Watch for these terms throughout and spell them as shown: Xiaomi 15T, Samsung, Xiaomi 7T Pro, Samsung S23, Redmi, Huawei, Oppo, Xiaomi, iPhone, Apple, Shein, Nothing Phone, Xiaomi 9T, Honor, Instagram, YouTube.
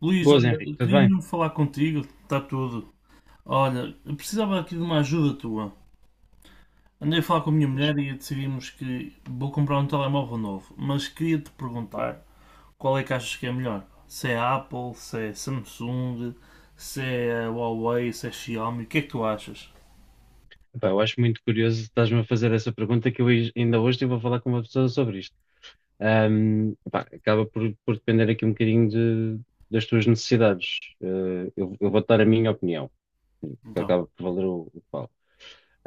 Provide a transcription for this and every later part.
Luís, Boas, olha, Henrique, tudo queria bem? mesmo falar contigo, está tudo. Olha, eu precisava aqui de uma ajuda tua. Andei a falar com a minha Fixe. mulher e decidimos que vou comprar um telemóvel novo, mas queria-te perguntar qual é que achas que é melhor? Se é Apple, se é Samsung, se é Huawei, se é Xiaomi, o que é que tu achas? Epá, eu acho muito curioso estás-me a fazer essa pergunta que ainda hoje estive a falar com uma pessoa sobre isto. Epá, acaba por depender aqui um bocadinho das tuas necessidades. Eu vou dar a minha opinião, que Então, acaba por valer o que vale.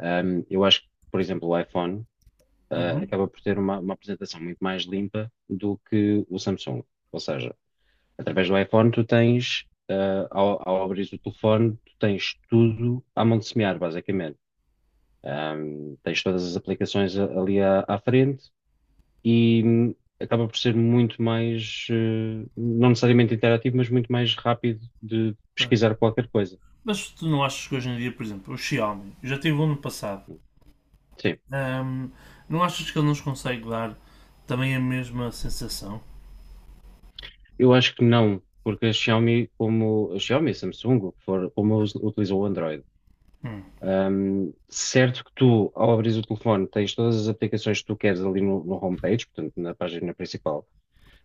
Eu acho que, por exemplo, o iPhone, uhum. acaba por ter uma apresentação muito mais limpa do que o Samsung. Ou seja, através do iPhone tu tens, ao abrir o telefone, tu tens tudo à mão de semear, basicamente. Tens todas as ali à frente e acaba por ser muito mais, não necessariamente interativo, mas muito mais rápido de Ah, pesquisar qualquer coisa. Mas tu não achas que hoje em dia, por exemplo, o Xiaomi, eu já tive um no passado, Sim, ahm, não achas que ele nos consegue dar também a mesma sensação? eu acho que não, porque a Xiaomi, como a Xiaomi, Samsung, o que for, como utiliza o Android, Hum, certo que tu, ao abrir o telefone, tens todas as aplicações que tu queres ali no homepage, portanto, na página principal,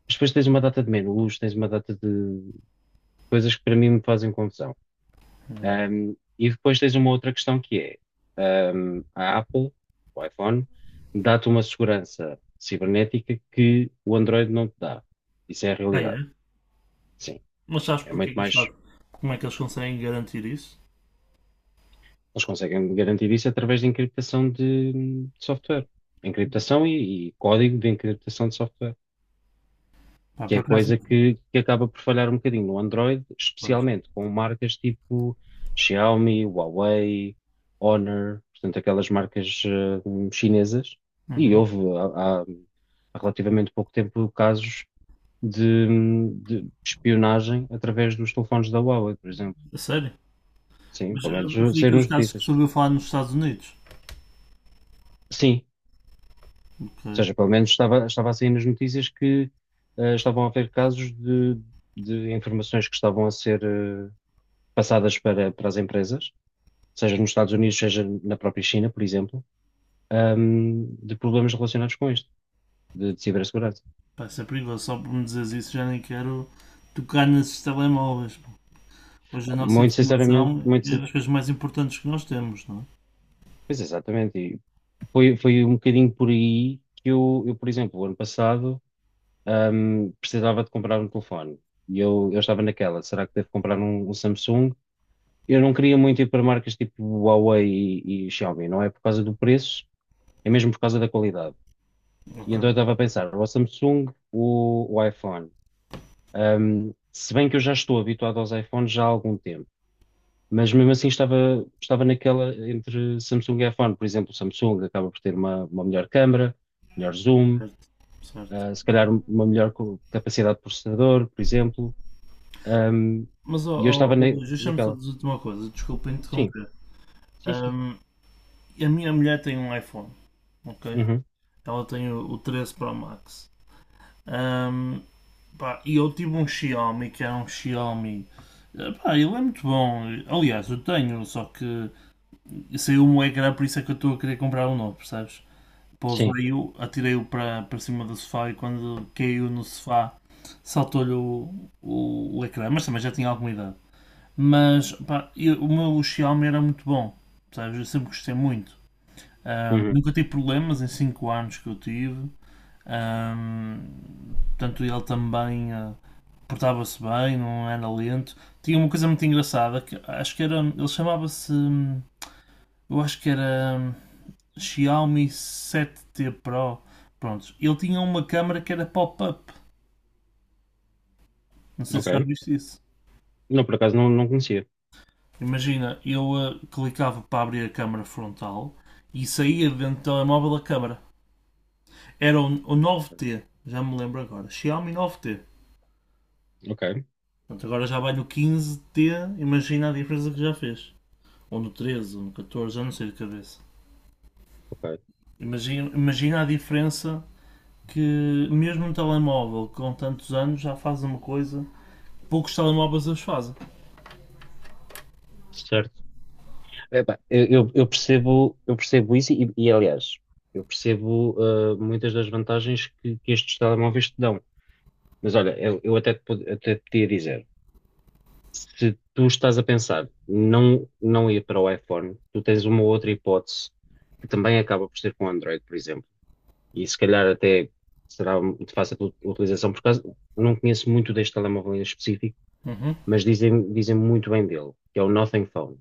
mas depois tens uma data de menus, tens uma data de coisas que para mim me fazem confusão. hum. Um, e depois tens uma outra questão que é, a Apple, o iPhone, dá-te uma segurança cibernética que o Android não te dá. Isso é a Ah, realidade. é? Sim, Mas sabes é porque é muito que eles mais. fazem? Como é que eles conseguem garantir isso? Eles conseguem garantir isso através de encriptação de software. Encriptação e código de encriptação de software. Pá, Que por é acaso. coisa que acaba por falhar um bocadinho no Android, Pois. especialmente com marcas tipo Xiaomi, Huawei, Honor, portanto, aquelas marcas chinesas. E Uhum. Há, há- há relativamente pouco tempo casos de espionagem através dos telefones da Huawei, por exemplo. A sério? Sim, Mas pelo menos foi saiu aqueles nas casos que notícias. se ouviu falar nos Estados Unidos. Sim, ou Ok. seja, pelo menos estava a sair nas notícias que estavam a haver casos de informações que estavam a ser passadas para as empresas, seja nos Estados Unidos, seja na própria China, por exemplo, de problemas relacionados com isto, de cibersegurança. Pá, isso é perigoso. Só por me dizeres isso já nem quero tocar nesses telemóveis. Hoje a nossa Muito sinceramente, informação é das coisas mais importantes que nós temos, não pois exatamente, e foi um bocadinho por aí que eu, por exemplo, o ano passado, precisava de comprar um telefone. E eu estava naquela, será que devo comprar um Samsung? Eu não queria muito ir para marcas tipo Huawei e Xiaomi, não é por causa do preço, é mesmo por causa da qualidade. é? E Ok. então eu estava a pensar, o Samsung, o iPhone. Se bem que eu já estou habituado aos iPhones já há algum tempo, mas mesmo assim estava naquela entre Samsung e iPhone. Por exemplo, o Samsung acaba por ter uma melhor câmara, melhor zoom, Certo. Certo. Se calhar uma melhor capacidade de processador, por exemplo. Um, Mas, ó, e eu ó, estava ó, na- Luís, deixa-me só naquela. dizer-te uma coisa. Desculpa Sim, interromper. sim, sim. Ahm, a minha mulher tem um iPhone, ok? Uhum, Ela tem o 13 Pro Max. Ahm, Pá, e eu tive um Xiaomi que era um Xiaomi. Pá, ele é muito bom. Aliás, eu tenho, só que saiu um ecrã, por isso é que eu estou a querer comprar um novo, percebes? sim. Pousei-o, atirei-o para cima do sofá e quando caiu no sofá saltou-lhe o ecrã, mas também já tinha alguma idade. Mas pá, o meu Xiaomi era muito bom, percebes? Eu sempre gostei muito. Ah, Uhum, nunca tive problemas em 5 anos que eu tive. Portanto, ele também portava-se bem, não era lento. Tinha uma coisa muito engraçada que acho que era. Ele chamava-se. Eu acho que era Xiaomi 7T Pro. Prontos. Ele tinha uma câmera que era pop-up. Não sei ok. se já viste isso. Não, por acaso não, não conhecia. Imagina, eu clicava para abrir a câmera frontal e saía dentro do telemóvel a câmera. Era o 9T, já me lembro agora. Xiaomi 9T. Ok, Portanto, agora já vale o 15T, imagina a diferença que já fez. Ou no 13, ou no 14, já não sei de cabeça. ok. Imagina a diferença que mesmo um telemóvel com tantos anos já faz uma coisa poucos telemóveis as fazem. Certo. Epá, eu percebo isso aliás, eu percebo muitas das vantagens que estes telemóveis te dão. Mas olha, eu até, te, pod- até te podia dizer, se tu estás a pensar não, não ir para o iPhone, tu tens uma outra hipótese que também acaba por ser com Android, por exemplo. E se calhar até será de fácil utilização, por causa, não conheço muito deste telemóvel em específico, Uhum. mas dizem muito bem dele, que é o Nothing Phone.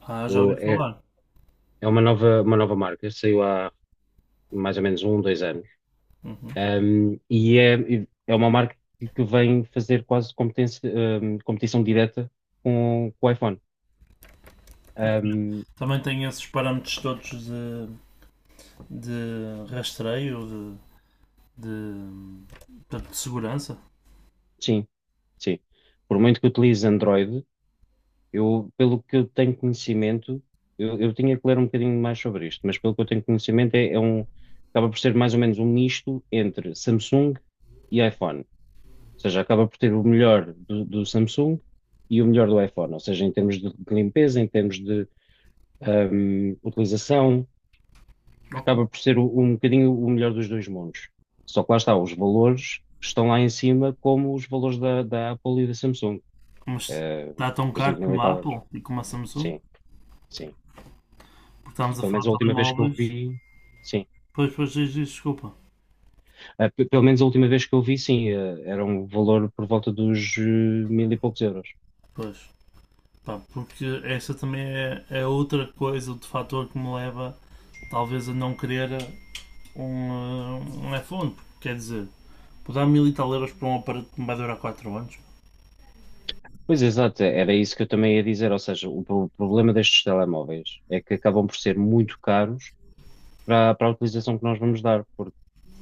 Ah, já ouvi É, falar. é uma nova marca, saiu mais ou menos um, dois anos. Uhum. É, é uma marca que vem fazer quase competência, competição direta com o iPhone. Um, Também tem esses parâmetros todos de rastreio, de, de segurança. sim, sim. Por muito que utilize Android, eu, pelo que eu tenho conhecimento, eu tinha que ler um bocadinho mais sobre isto, mas pelo que eu tenho conhecimento, acaba por ser mais ou menos um misto entre Samsung e iPhone. Ou seja, acaba por ter o melhor do Samsung e o melhor do iPhone. Ou seja, em termos de limpeza, em termos utilização, Ok. acaba por ser um bocadinho o melhor dos dois mundos. Só que lá está, os valores estão lá em cima, como os valores da Apple e da Samsung. Mas Eh, está tão por caro exemplo, mil como e a tal euros. Apple e como a Samsung. Sim, sim. Porque estamos a Pelo falar menos de a última vez que eu telemóveis. vi, sim. Pois, pois, diz, diz, desculpa. Ah, pelo menos a última vez que eu vi, sim, era um valor por volta dos mil e poucos euros. Pois. Pá, porque essa também é, é outra coisa, outro fator que me leva talvez a não querer um, um iPhone. Porque, quer dizer, vou dar 1000 e tal € para um aparelho que me vai durar 4 anos. Pois exato, era isso que eu também ia dizer. Ou seja, o problema destes telemóveis é que acabam por ser muito caros para a utilização que nós vamos dar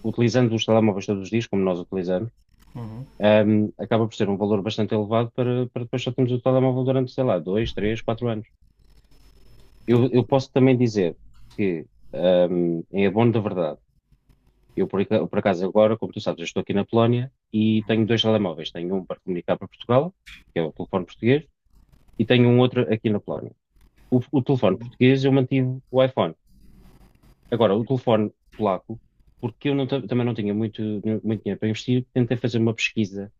utilizando os telemóveis todos os dias, como nós utilizamos, Uhum. Acaba por ser um valor bastante elevado para depois só termos o telemóvel durante, sei lá, dois, três, quatro anos. Tô- Eu posso também dizer que, em abono da verdade, por acaso agora, como tu sabes, eu estou aqui na Polónia e uhum. tenho dois telemóveis. Tenho um para comunicar para Portugal, que é o telefone português, e tenho um outro aqui na Polónia. O telefone Bom, português eu mantive o iPhone. Agora, o telefone polaco, porque eu também não tinha muito dinheiro para investir, tentei fazer uma pesquisa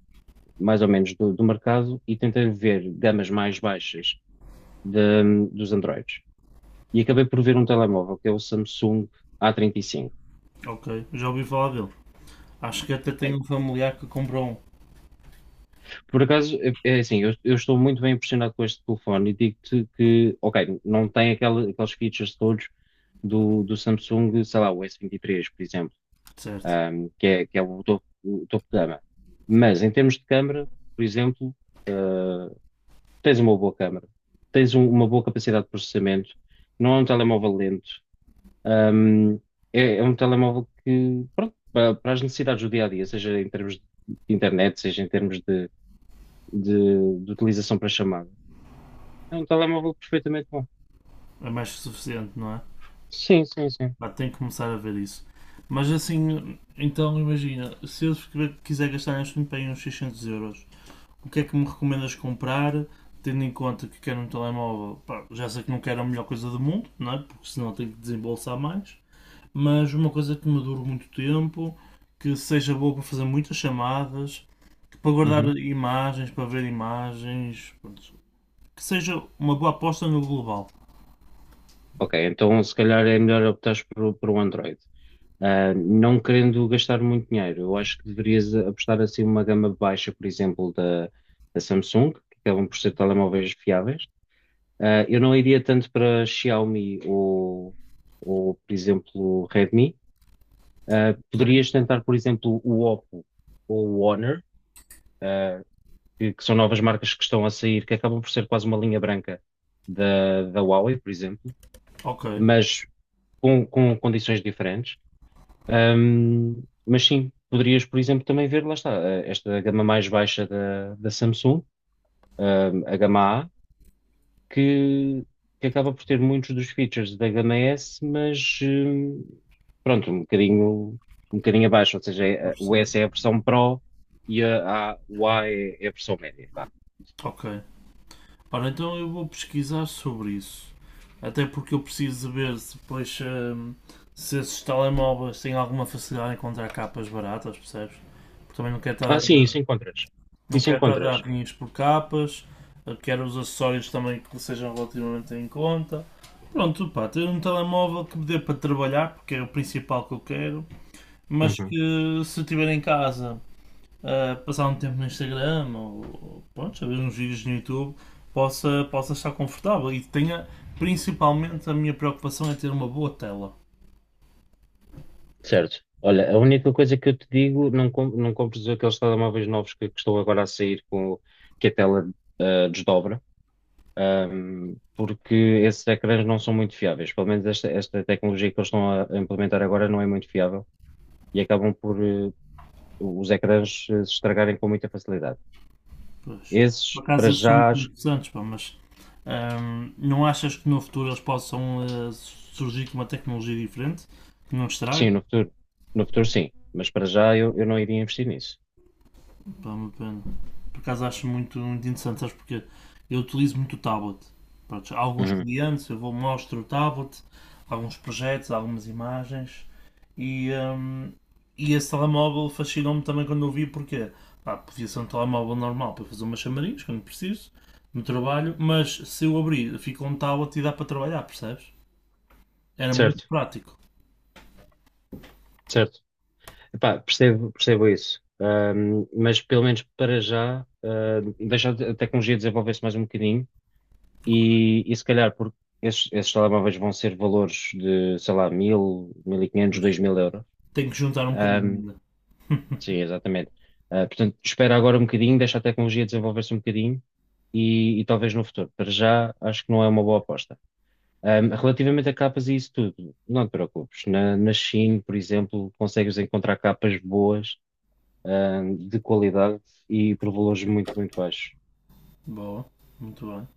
mais ou menos do mercado e tentei ver gamas mais baixas dos Androids. E acabei por ver um telemóvel que é o Samsung A35. ok, já ouvi falar dele. Acho que até tenho um familiar que comprou um. Por acaso, é é assim, eu estou muito bem impressionado com este telefone e digo-te que, ok, não tem aquela, aqueles features todos do Samsung, sei lá, o S23, por exemplo, Certo. Que é o topo de gama. Mas em termos de câmara, por exemplo, ah, tens uma boa câmara, tens uma boa capacidade de processamento, não é um telemóvel lento, hum, é, é um telemóvel que, pronto, as necessidades do dia a dia, seja em termos de internet, seja em termos de, de utilização para chamada, é um telemóvel perfeitamente bom. É mais que suficiente, não é? Sim, sim, sim. Pá, tenho que começar a ver isso. Mas assim, então imagina, se eu quiser gastar neste momento aí uns 600 euros, o que é que me recomendas comprar, tendo em conta que quero um telemóvel, pá, já sei que não quero a melhor coisa do mundo, não é? Porque senão tenho que desembolsar mais, mas uma coisa que me dure muito tempo, que seja boa para fazer muitas chamadas, que para guardar Uhum. imagens, para ver imagens, pronto, que seja uma boa aposta no global. Ok, então se calhar é melhor optar por um Android. Ah, não querendo gastar muito dinheiro, eu acho que deverias apostar assim uma gama baixa, por exemplo, da Samsung, que acabam por ser telemóveis fiáveis. Ah, eu não iria tanto para Xiaomi ou, por exemplo, Redmi. Ah, poderias Ok. tentar, por exemplo, o Oppo ou o Honor, ah, que são novas marcas que estão a sair, que acabam por ser quase uma linha branca da Huawei, por exemplo, Ok, mas com condições diferentes. Mas sim, poderias, por exemplo, também ver, lá está, ah, esta gama mais baixa da Samsung, a gama A, que, que acaba por ter muitos dos features da gama S, mas pronto, um bocadinho abaixo, ou seja, estou a o S perceber. é a versão Pro e o A é, é a versão média, vá. Ok. Ora, então eu vou pesquisar sobre isso. Até porque eu preciso de ver se depois se esses telemóveis têm alguma facilidade em encontrar capas baratas, percebes? Porque também não quero estar Ah, a sim, dar, isso encontras. não Isso quero estar a dar encontras. rinhas por capas, eu quero os acessórios também que sejam relativamente em conta. Pronto, pá, ter um telemóvel que me dê para trabalhar, porque é o principal que eu quero, mas que Uhum. se eu estiver em casa passar um tempo no Instagram ou, pronto, a ver uns vídeos no YouTube, possa estar confortável e tenha principalmente a minha preocupação é ter uma boa tela. Certo. Olha, a única coisa que eu te digo, não, não compres aqueles telemóveis novos que estão agora a sair com que a tela desdobra. Porque esses ecrãs não são muito fiáveis. Pelo menos esta tecnologia que eles estão a implementar agora não é muito fiável e acabam por os ecrãs se estragarem com muita facilidade. Pois. Por Esses, para acaso esses são já, muito acho interessantes, pá, mas não achas que no futuro eles possam surgir com uma tecnologia diferente que não que estrague? sim, no futuro, no futuro sim, mas para já eu não iria investir nisso. Pá, uma pena. Por acaso acho muito, muito interessante, sabes porque eu utilizo muito o tablet. Pronto, há alguns Uhum. clientes, eu vou mostro o tablet, alguns projetos, algumas imagens e e esse telemóvel fascinou-me também quando eu vi porque pá, podia ser um telemóvel normal para fazer umas chamarinhas quando preciso, no trabalho, mas se eu abrir, fica um tablet e dá para trabalhar, percebes? Era muito Certo, prático. certo. Epá, percebo, percebo isso. Mas pelo menos para já, deixar a tecnologia desenvolver-se mais um bocadinho. E se calhar, porque esses telemóveis vão ser valores de, sei lá, mil, 1500, Mas 2000 euros. tenho que juntar um bocadinho Ahm, ainda. sim, exatamente. Ah, portanto, espera agora um bocadinho, deixa a tecnologia desenvolver-se um bocadinho e talvez no futuro. Para já, acho que não é uma boa aposta. Relativamente a capas e isso tudo, não te preocupes. Na Shein, por exemplo, consegues encontrar capas boas, de qualidade e por valores muito, muito baixos. Boa, muito bem.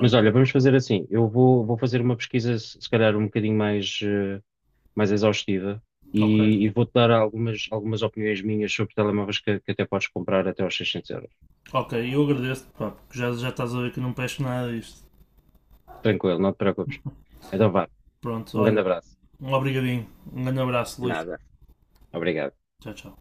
Mas olha, vamos fazer assim. Vou fazer uma pesquisa, se se calhar, um bocadinho mais, mais exaustiva ok. E vou-te dar algumas, algumas opiniões minhas sobre telemóveis que até podes comprar até aos 600 euros. Ok, eu agradeço-te, pá, porque já, já estás a ver que não peço nada disto. Tranquilo, não te preocupes. Então vá, Pronto, um olha, grande abraço. um obrigadinho, um grande abraço, Luís. Nada. Obrigado. Tchau, tchau.